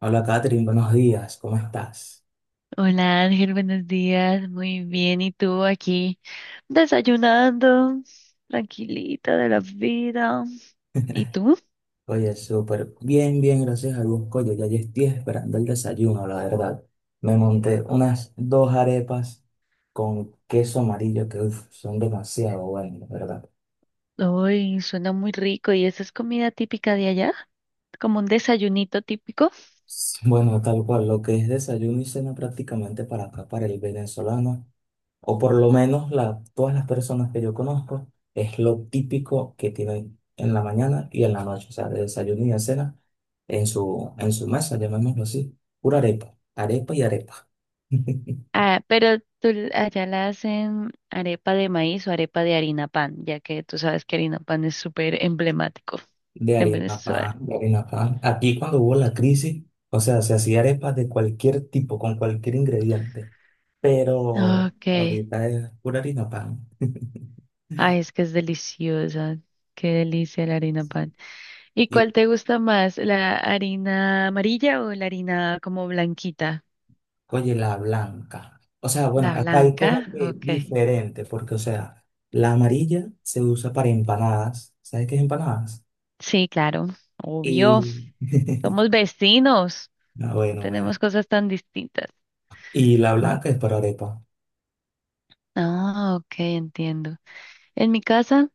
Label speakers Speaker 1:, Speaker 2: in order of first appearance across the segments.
Speaker 1: Hola Catherine, buenos días, ¿cómo estás?
Speaker 2: Hola Ángel, buenos días, muy bien. ¿Y tú aquí desayunando, tranquilita de la vida? ¿Y tú?
Speaker 1: Oye, súper bien, bien, gracias a Dios. Oye, ya yo estoy esperando el desayuno, la verdad. Me monté unas dos arepas con queso amarillo que uf, son demasiado buenas, la verdad.
Speaker 2: Uy, suena muy rico. ¿Y esa es comida típica de allá? Como un desayunito típico.
Speaker 1: Bueno, tal cual, lo que es desayuno y cena prácticamente para acá, para el venezolano, o por lo menos todas las personas que yo conozco, es lo típico que tienen en la mañana y en la noche, o sea, de desayuno y de cena en su mesa, llamémoslo así, pura arepa, arepa y arepa.
Speaker 2: Ah, pero allá la hacen arepa de maíz o arepa de harina pan, ya que tú sabes que harina pan es súper emblemático
Speaker 1: De
Speaker 2: en
Speaker 1: harina
Speaker 2: Venezuela.
Speaker 1: pan, de harina pan. Aquí cuando hubo la crisis, o sea, se hacía arepas de cualquier tipo, con cualquier ingrediente, pero
Speaker 2: Ok.
Speaker 1: ahorita es pura harina pan.
Speaker 2: Ay, es que es deliciosa. Qué delicia la harina pan. ¿Y cuál te gusta más, la harina amarilla o la harina como blanquita?
Speaker 1: Oye, la blanca. O sea, bueno,
Speaker 2: La
Speaker 1: acá hay
Speaker 2: blanca,
Speaker 1: como que
Speaker 2: ok.
Speaker 1: diferente, porque, o sea, la amarilla se usa para empanadas. ¿Sabes qué es empanadas?
Speaker 2: Sí, claro,
Speaker 1: Y,
Speaker 2: obvio. Somos vecinos,
Speaker 1: ah,
Speaker 2: no
Speaker 1: bueno, bueno.
Speaker 2: tenemos cosas tan distintas.
Speaker 1: Y la blanca es para arepa.
Speaker 2: Ah, ok, entiendo. En mi casa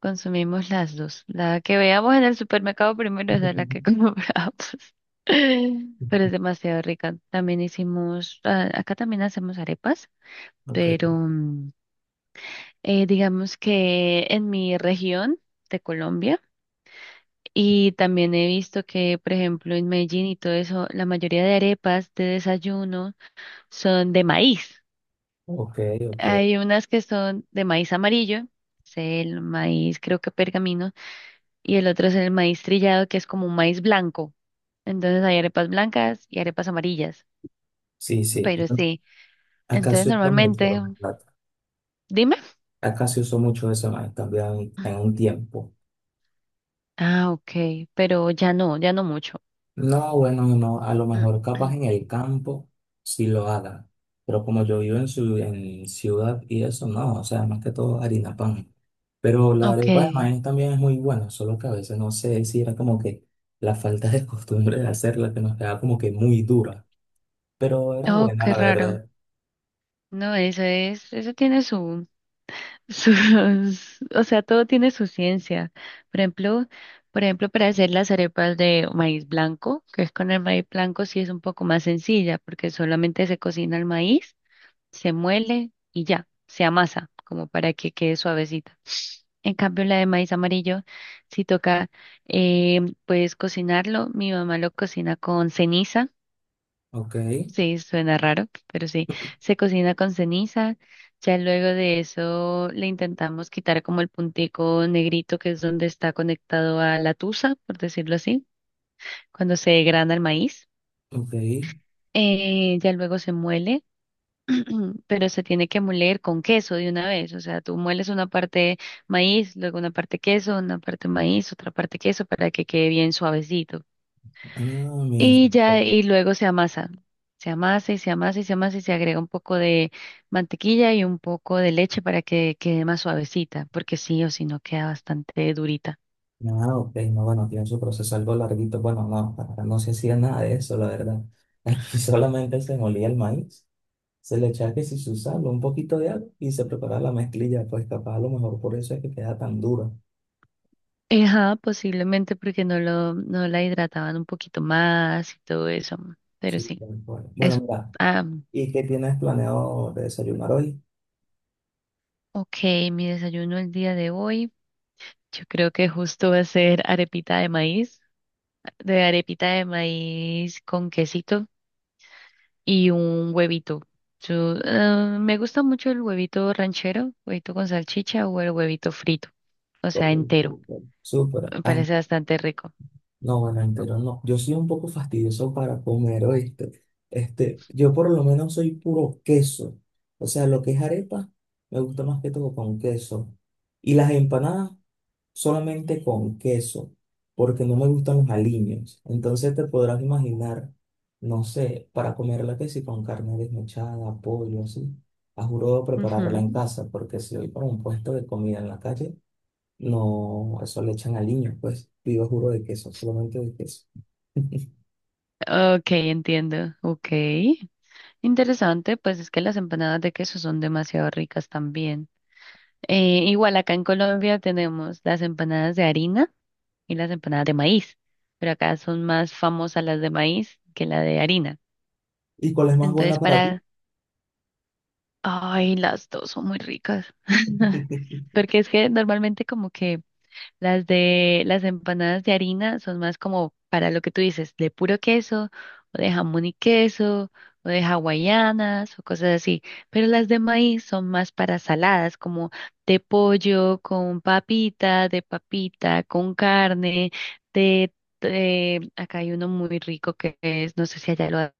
Speaker 2: consumimos las dos. La que veamos en el supermercado primero es la que compramos. Pero es demasiado rica. También hicimos, ah, acá también hacemos arepas,
Speaker 1: Ok,
Speaker 2: pero digamos que en mi región de Colombia y también he visto que, por ejemplo, en Medellín y todo eso, la mayoría de arepas de desayuno son de maíz.
Speaker 1: ok, ok.
Speaker 2: Hay unas que son de maíz amarillo, es el maíz creo que pergamino, y el otro es el maíz trillado que es como un maíz blanco. Entonces hay arepas blancas y arepas amarillas,
Speaker 1: Sí, sí.
Speaker 2: pero sí,
Speaker 1: Acá
Speaker 2: entonces
Speaker 1: se usa mucho, la
Speaker 2: normalmente,
Speaker 1: verdad.
Speaker 2: dime.
Speaker 1: Acá se usó mucho eso, man, también en un tiempo.
Speaker 2: Ah, ok, pero ya no, ya no mucho.
Speaker 1: No, bueno, no, a lo mejor capaz en el campo sí lo haga, pero como yo vivo en ciudad y eso, no, o sea, más que todo harina pan. Pero la
Speaker 2: Ok.
Speaker 1: arepa de maíz también es muy buena, solo que a veces no sé si era como que la falta de costumbre de hacerla, que nos quedaba como que muy dura, pero era
Speaker 2: Oh,
Speaker 1: buena
Speaker 2: qué
Speaker 1: la
Speaker 2: raro.
Speaker 1: verdad.
Speaker 2: No, eso tiene sus, o sea, todo tiene su ciencia. Por ejemplo, por ejemplo, para hacer las arepas de maíz blanco, que es con el maíz blanco, sí es un poco más sencilla, porque solamente se cocina el maíz, se muele y ya, se amasa, como para que quede suavecita. En cambio, la de maíz amarillo, si toca, pues cocinarlo. Mi mamá lo cocina con ceniza.
Speaker 1: Ok,
Speaker 2: Sí, suena raro, pero sí, se cocina con ceniza. Ya luego de eso le intentamos quitar como el puntico negrito que es donde está conectado a la tusa, por decirlo así, cuando se grana el maíz.
Speaker 1: ok,
Speaker 2: Ya luego se muele, pero se tiene que moler con queso de una vez. O sea, tú mueles una parte maíz, luego una parte queso, una parte maíz, otra parte queso para que quede bien suavecito.
Speaker 1: ah, mi...
Speaker 2: Y ya, y luego se amasa. Se amasa y se amasa y se amasa y se agrega un poco de mantequilla y un poco de leche para que quede más suavecita, porque sí o sí no queda bastante durita.
Speaker 1: Ah, ok, no, bueno, tiene su proceso algo larguito. Bueno, no, acá no se hacía nada de eso, la verdad. Aquí solamente se molía el maíz. Se le echa que si su sal, un poquito de agua y se prepara la mezclilla, pues capaz a lo mejor por eso es que queda tan dura.
Speaker 2: Ajá, posiblemente porque no la hidrataban un poquito más y todo eso. Pero
Speaker 1: Sí,
Speaker 2: sí,
Speaker 1: tal cual. Bueno,
Speaker 2: es,
Speaker 1: mira,
Speaker 2: ah,
Speaker 1: ¿y qué tienes planeado de desayunar hoy?
Speaker 2: ok, mi desayuno el día de hoy. Yo creo que justo va a ser arepita de maíz, de arepita de maíz con quesito y un huevito. Yo, me gusta mucho el huevito ranchero, huevito con salchicha o el huevito frito, o sea,
Speaker 1: Todo
Speaker 2: entero.
Speaker 1: súper. Súper.
Speaker 2: Me
Speaker 1: Ah,
Speaker 2: parece bastante rico.
Speaker 1: no, bueno, entero no. Yo soy un poco fastidioso para comer, ¿oíste? Este, yo por lo menos soy puro queso. O sea, lo que es arepa, me gusta más que todo con queso. Y las empanadas solamente con queso, porque no me gustan los aliños. Entonces te podrás imaginar, no sé, para comerla que si con carne desmechada, pollo, así. A juro prepararla
Speaker 2: Ujú.
Speaker 1: en casa, porque si voy para un puesto de comida en la calle, no, eso le echan aliños, pues pido juro de queso, solamente de queso.
Speaker 2: Ok, entiendo. Ok. Interesante, pues es que las empanadas de queso son demasiado ricas también. Igual acá en Colombia tenemos las empanadas de harina y las empanadas de maíz, pero acá son más famosas las de maíz que la de harina.
Speaker 1: ¿Y cuál es más
Speaker 2: Entonces,
Speaker 1: buena para ti?
Speaker 2: para... Ay, las dos son muy ricas. Porque es que normalmente como que las empanadas de harina son más como para lo que tú dices, de puro queso, o de jamón y queso, o de hawaianas, o cosas así. Pero las de maíz son más para saladas, como de pollo, con papita, de papita, con carne, de, acá hay uno muy rico que es, no sé si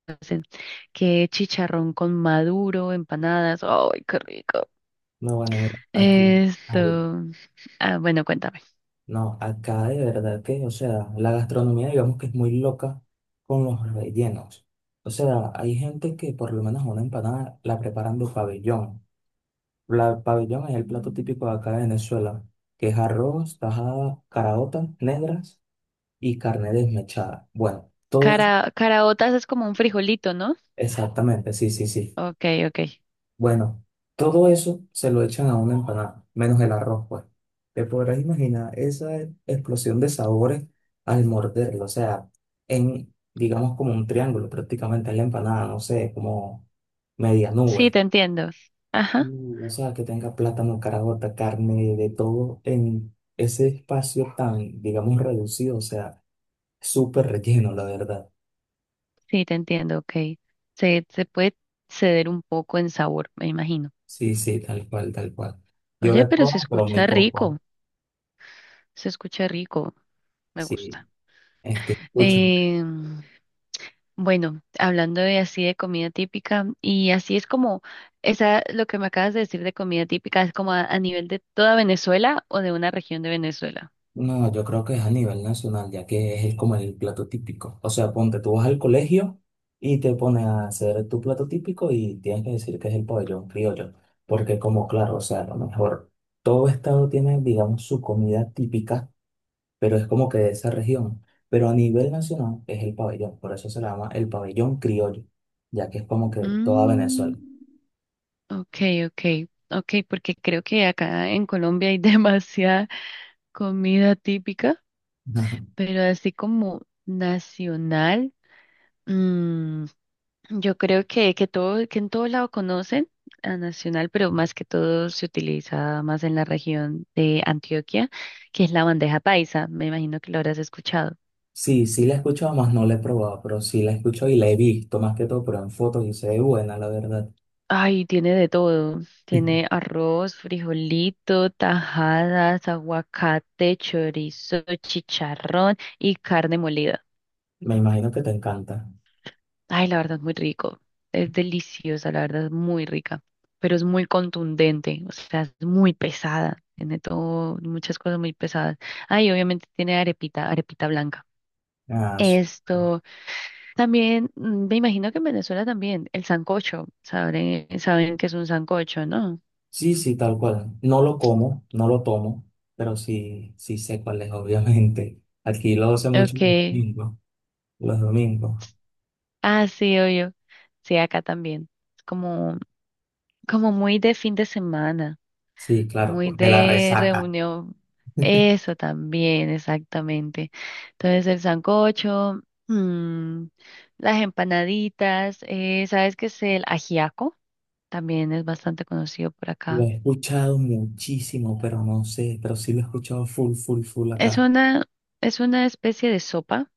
Speaker 2: que es chicharrón con maduro, empanadas, ¡ay, qué rico!
Speaker 1: No, bueno, mira, aquí, a ver,
Speaker 2: Esto, ah, bueno, cuéntame.
Speaker 1: no, acá de verdad que, o sea, la gastronomía digamos que es muy loca con los rellenos. O sea, hay gente que por lo menos una empanada la preparan de pabellón. La pabellón es el plato
Speaker 2: Mm.
Speaker 1: típico de acá de Venezuela, que es arroz, tajada, caraotas negras y carne desmechada. Bueno, todo eso,
Speaker 2: Cara, caraotas es como un frijolito, ¿no?
Speaker 1: exactamente, sí, sí, sí.
Speaker 2: Ok, ok.
Speaker 1: Bueno, todo eso se lo echan a una empanada, menos el arroz, pues. Te podrás imaginar esa explosión de sabores al morderlo, o sea, en, digamos, como un triángulo prácticamente en la empanada, no sé, como media
Speaker 2: Sí,
Speaker 1: nube.
Speaker 2: te entiendo. Ajá,
Speaker 1: Mm, o sea, que tenga plátano, carabota, carne, de todo en ese espacio tan, digamos, reducido, o sea, súper relleno, la verdad.
Speaker 2: sí, te entiendo, ok. Se puede ceder un poco en sabor, me imagino.
Speaker 1: Sí, sí, tal cual, tal cual. Yo
Speaker 2: Oye,
Speaker 1: le
Speaker 2: pero
Speaker 1: como, pero muy poco.
Speaker 2: se escucha rico, me
Speaker 1: Sí,
Speaker 2: gusta.
Speaker 1: este, escucha.
Speaker 2: Em, bueno, hablando de así de comida típica, y así es como, esa, lo que me acabas de decir de comida típica es como a nivel de toda Venezuela o de una región de Venezuela.
Speaker 1: No, yo creo que es a nivel nacional, ya que es como el plato típico. O sea, ponte, tú vas al colegio y te pones a hacer tu plato típico y tienes que decir que es el pabellón criollo. Porque como claro, o sea, a lo mejor todo estado tiene, digamos, su comida típica, pero es como que de esa región. Pero a nivel nacional es el pabellón, por eso se le llama el pabellón criollo, ya que es como que toda
Speaker 2: Mm.
Speaker 1: Venezuela.
Speaker 2: Okay, okay, okay, porque creo que acá en Colombia hay demasiada comida típica,
Speaker 1: Ajá.
Speaker 2: pero así como nacional, mm, yo creo que en todo lado conocen a nacional, pero más que todo se utiliza más en la región de Antioquia, que es la bandeja paisa. Me imagino que lo habrás escuchado.
Speaker 1: Sí, sí la he escuchado, más no la he probado, pero sí la he escuchado y la he visto más que todo, pero en fotos y se ve buena, la verdad.
Speaker 2: Ay, tiene de todo. Tiene arroz, frijolito, tajadas, aguacate, chorizo, chicharrón y carne molida.
Speaker 1: Me imagino que te encanta.
Speaker 2: Ay, la verdad es muy rico. Es deliciosa, la verdad es muy rica. Pero es muy contundente, o sea, es muy pesada. Tiene todo, muchas cosas muy pesadas. Ay, obviamente tiene arepita, arepita blanca.
Speaker 1: Ah, súper.
Speaker 2: Esto también, me imagino que en Venezuela también, el sancocho, saben que es un sancocho, ¿no?
Speaker 1: Sí, sí, tal cual. No lo como, no lo tomo, pero sí, sí sé cuál es, obviamente. Aquí lo hace mucho los
Speaker 2: Ok.
Speaker 1: domingos, los domingos.
Speaker 2: Ah, sí, yo sí, acá también. Es como, como muy de fin de semana,
Speaker 1: Sí, claro,
Speaker 2: muy
Speaker 1: de la
Speaker 2: de
Speaker 1: resaca.
Speaker 2: reunión. Eso también, exactamente. Entonces, el sancocho, mm, las empanaditas, ¿sabes qué es el ajiaco? También es bastante conocido por
Speaker 1: Lo
Speaker 2: acá.
Speaker 1: he escuchado muchísimo, pero no sé, pero sí lo he escuchado full, full, full
Speaker 2: Es
Speaker 1: acá.
Speaker 2: una, es una especie de sopa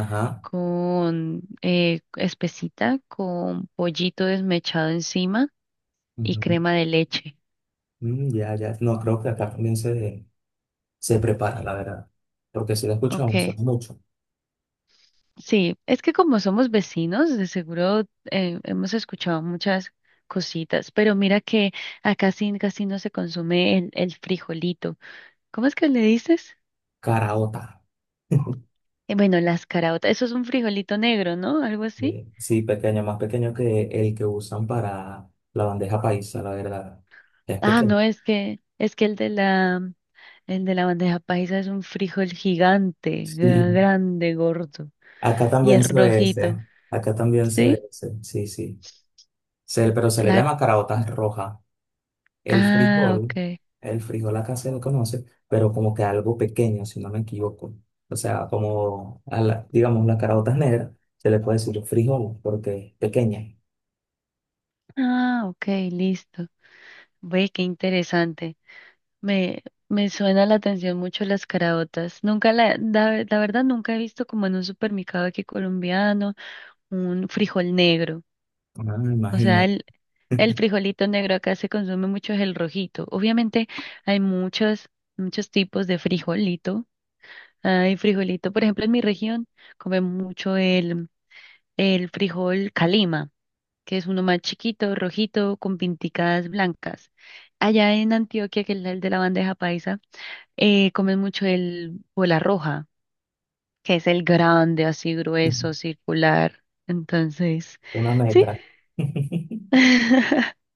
Speaker 1: Ajá.
Speaker 2: con espesita, con pollito desmechado encima y
Speaker 1: Ujú.
Speaker 2: crema de leche.
Speaker 1: Mm, ya, ya. No, creo que acá también se prepara, la verdad. Porque sí lo he escuchado,
Speaker 2: Ok.
Speaker 1: suena mucho.
Speaker 2: Sí, es que como somos vecinos, de seguro hemos escuchado muchas cositas, pero mira que acá sí casi no se consume el frijolito. ¿Cómo es que le dices?
Speaker 1: Caraota.
Speaker 2: Bueno, las caraotas, eso es un frijolito negro, ¿no? Algo así.
Speaker 1: Sí, pequeño, más pequeño que el que usan para la bandeja paisa, la verdad. Es
Speaker 2: Ah,
Speaker 1: pequeño.
Speaker 2: no, es que el de la bandeja paisa es un frijol gigante,
Speaker 1: Sí,
Speaker 2: grande, gordo
Speaker 1: acá
Speaker 2: y
Speaker 1: también
Speaker 2: es
Speaker 1: se ve
Speaker 2: rojito,
Speaker 1: ese. Acá también se ve
Speaker 2: ¿sí?
Speaker 1: ese. Sí, sí. Pero se le
Speaker 2: La
Speaker 1: llama caraotas roja. El
Speaker 2: ah,
Speaker 1: frijol,
Speaker 2: ok.
Speaker 1: el frijol acá se lo conoce, pero como que algo pequeño, si no me equivoco. O sea, como, digamos, las caraotas negras, se le puede decir frijol porque es pequeña.
Speaker 2: Ah, ok, listo. Ve, qué interesante. Me, me suena la atención mucho las caraotas. Nunca la verdad nunca he visto como en un supermercado aquí colombiano un frijol negro.
Speaker 1: Ah,
Speaker 2: O sea,
Speaker 1: imagínate.
Speaker 2: el frijolito negro acá se consume mucho es el rojito. Obviamente hay muchos, muchos tipos de frijolito. Hay frijolito, por ejemplo, en mi región comen mucho el frijol calima, que es uno más chiquito, rojito, con pinticas blancas. Allá en Antioquia, que es el de la bandeja paisa. Comen mucho el bola roja, que es el grande, así grueso, circular. Entonces,
Speaker 1: Una
Speaker 2: sí.
Speaker 1: metra.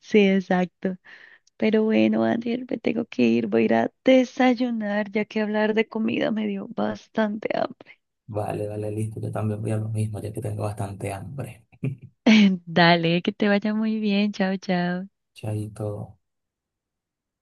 Speaker 2: Sí, exacto. Pero bueno, Daniel, me tengo que ir, voy a ir a desayunar, ya que hablar de comida me dio bastante hambre.
Speaker 1: Vale, vale, listo. Yo también voy a lo mismo, ya que tengo bastante hambre.
Speaker 2: Dale, que te vaya muy bien. Chao, chao.
Speaker 1: Chaito.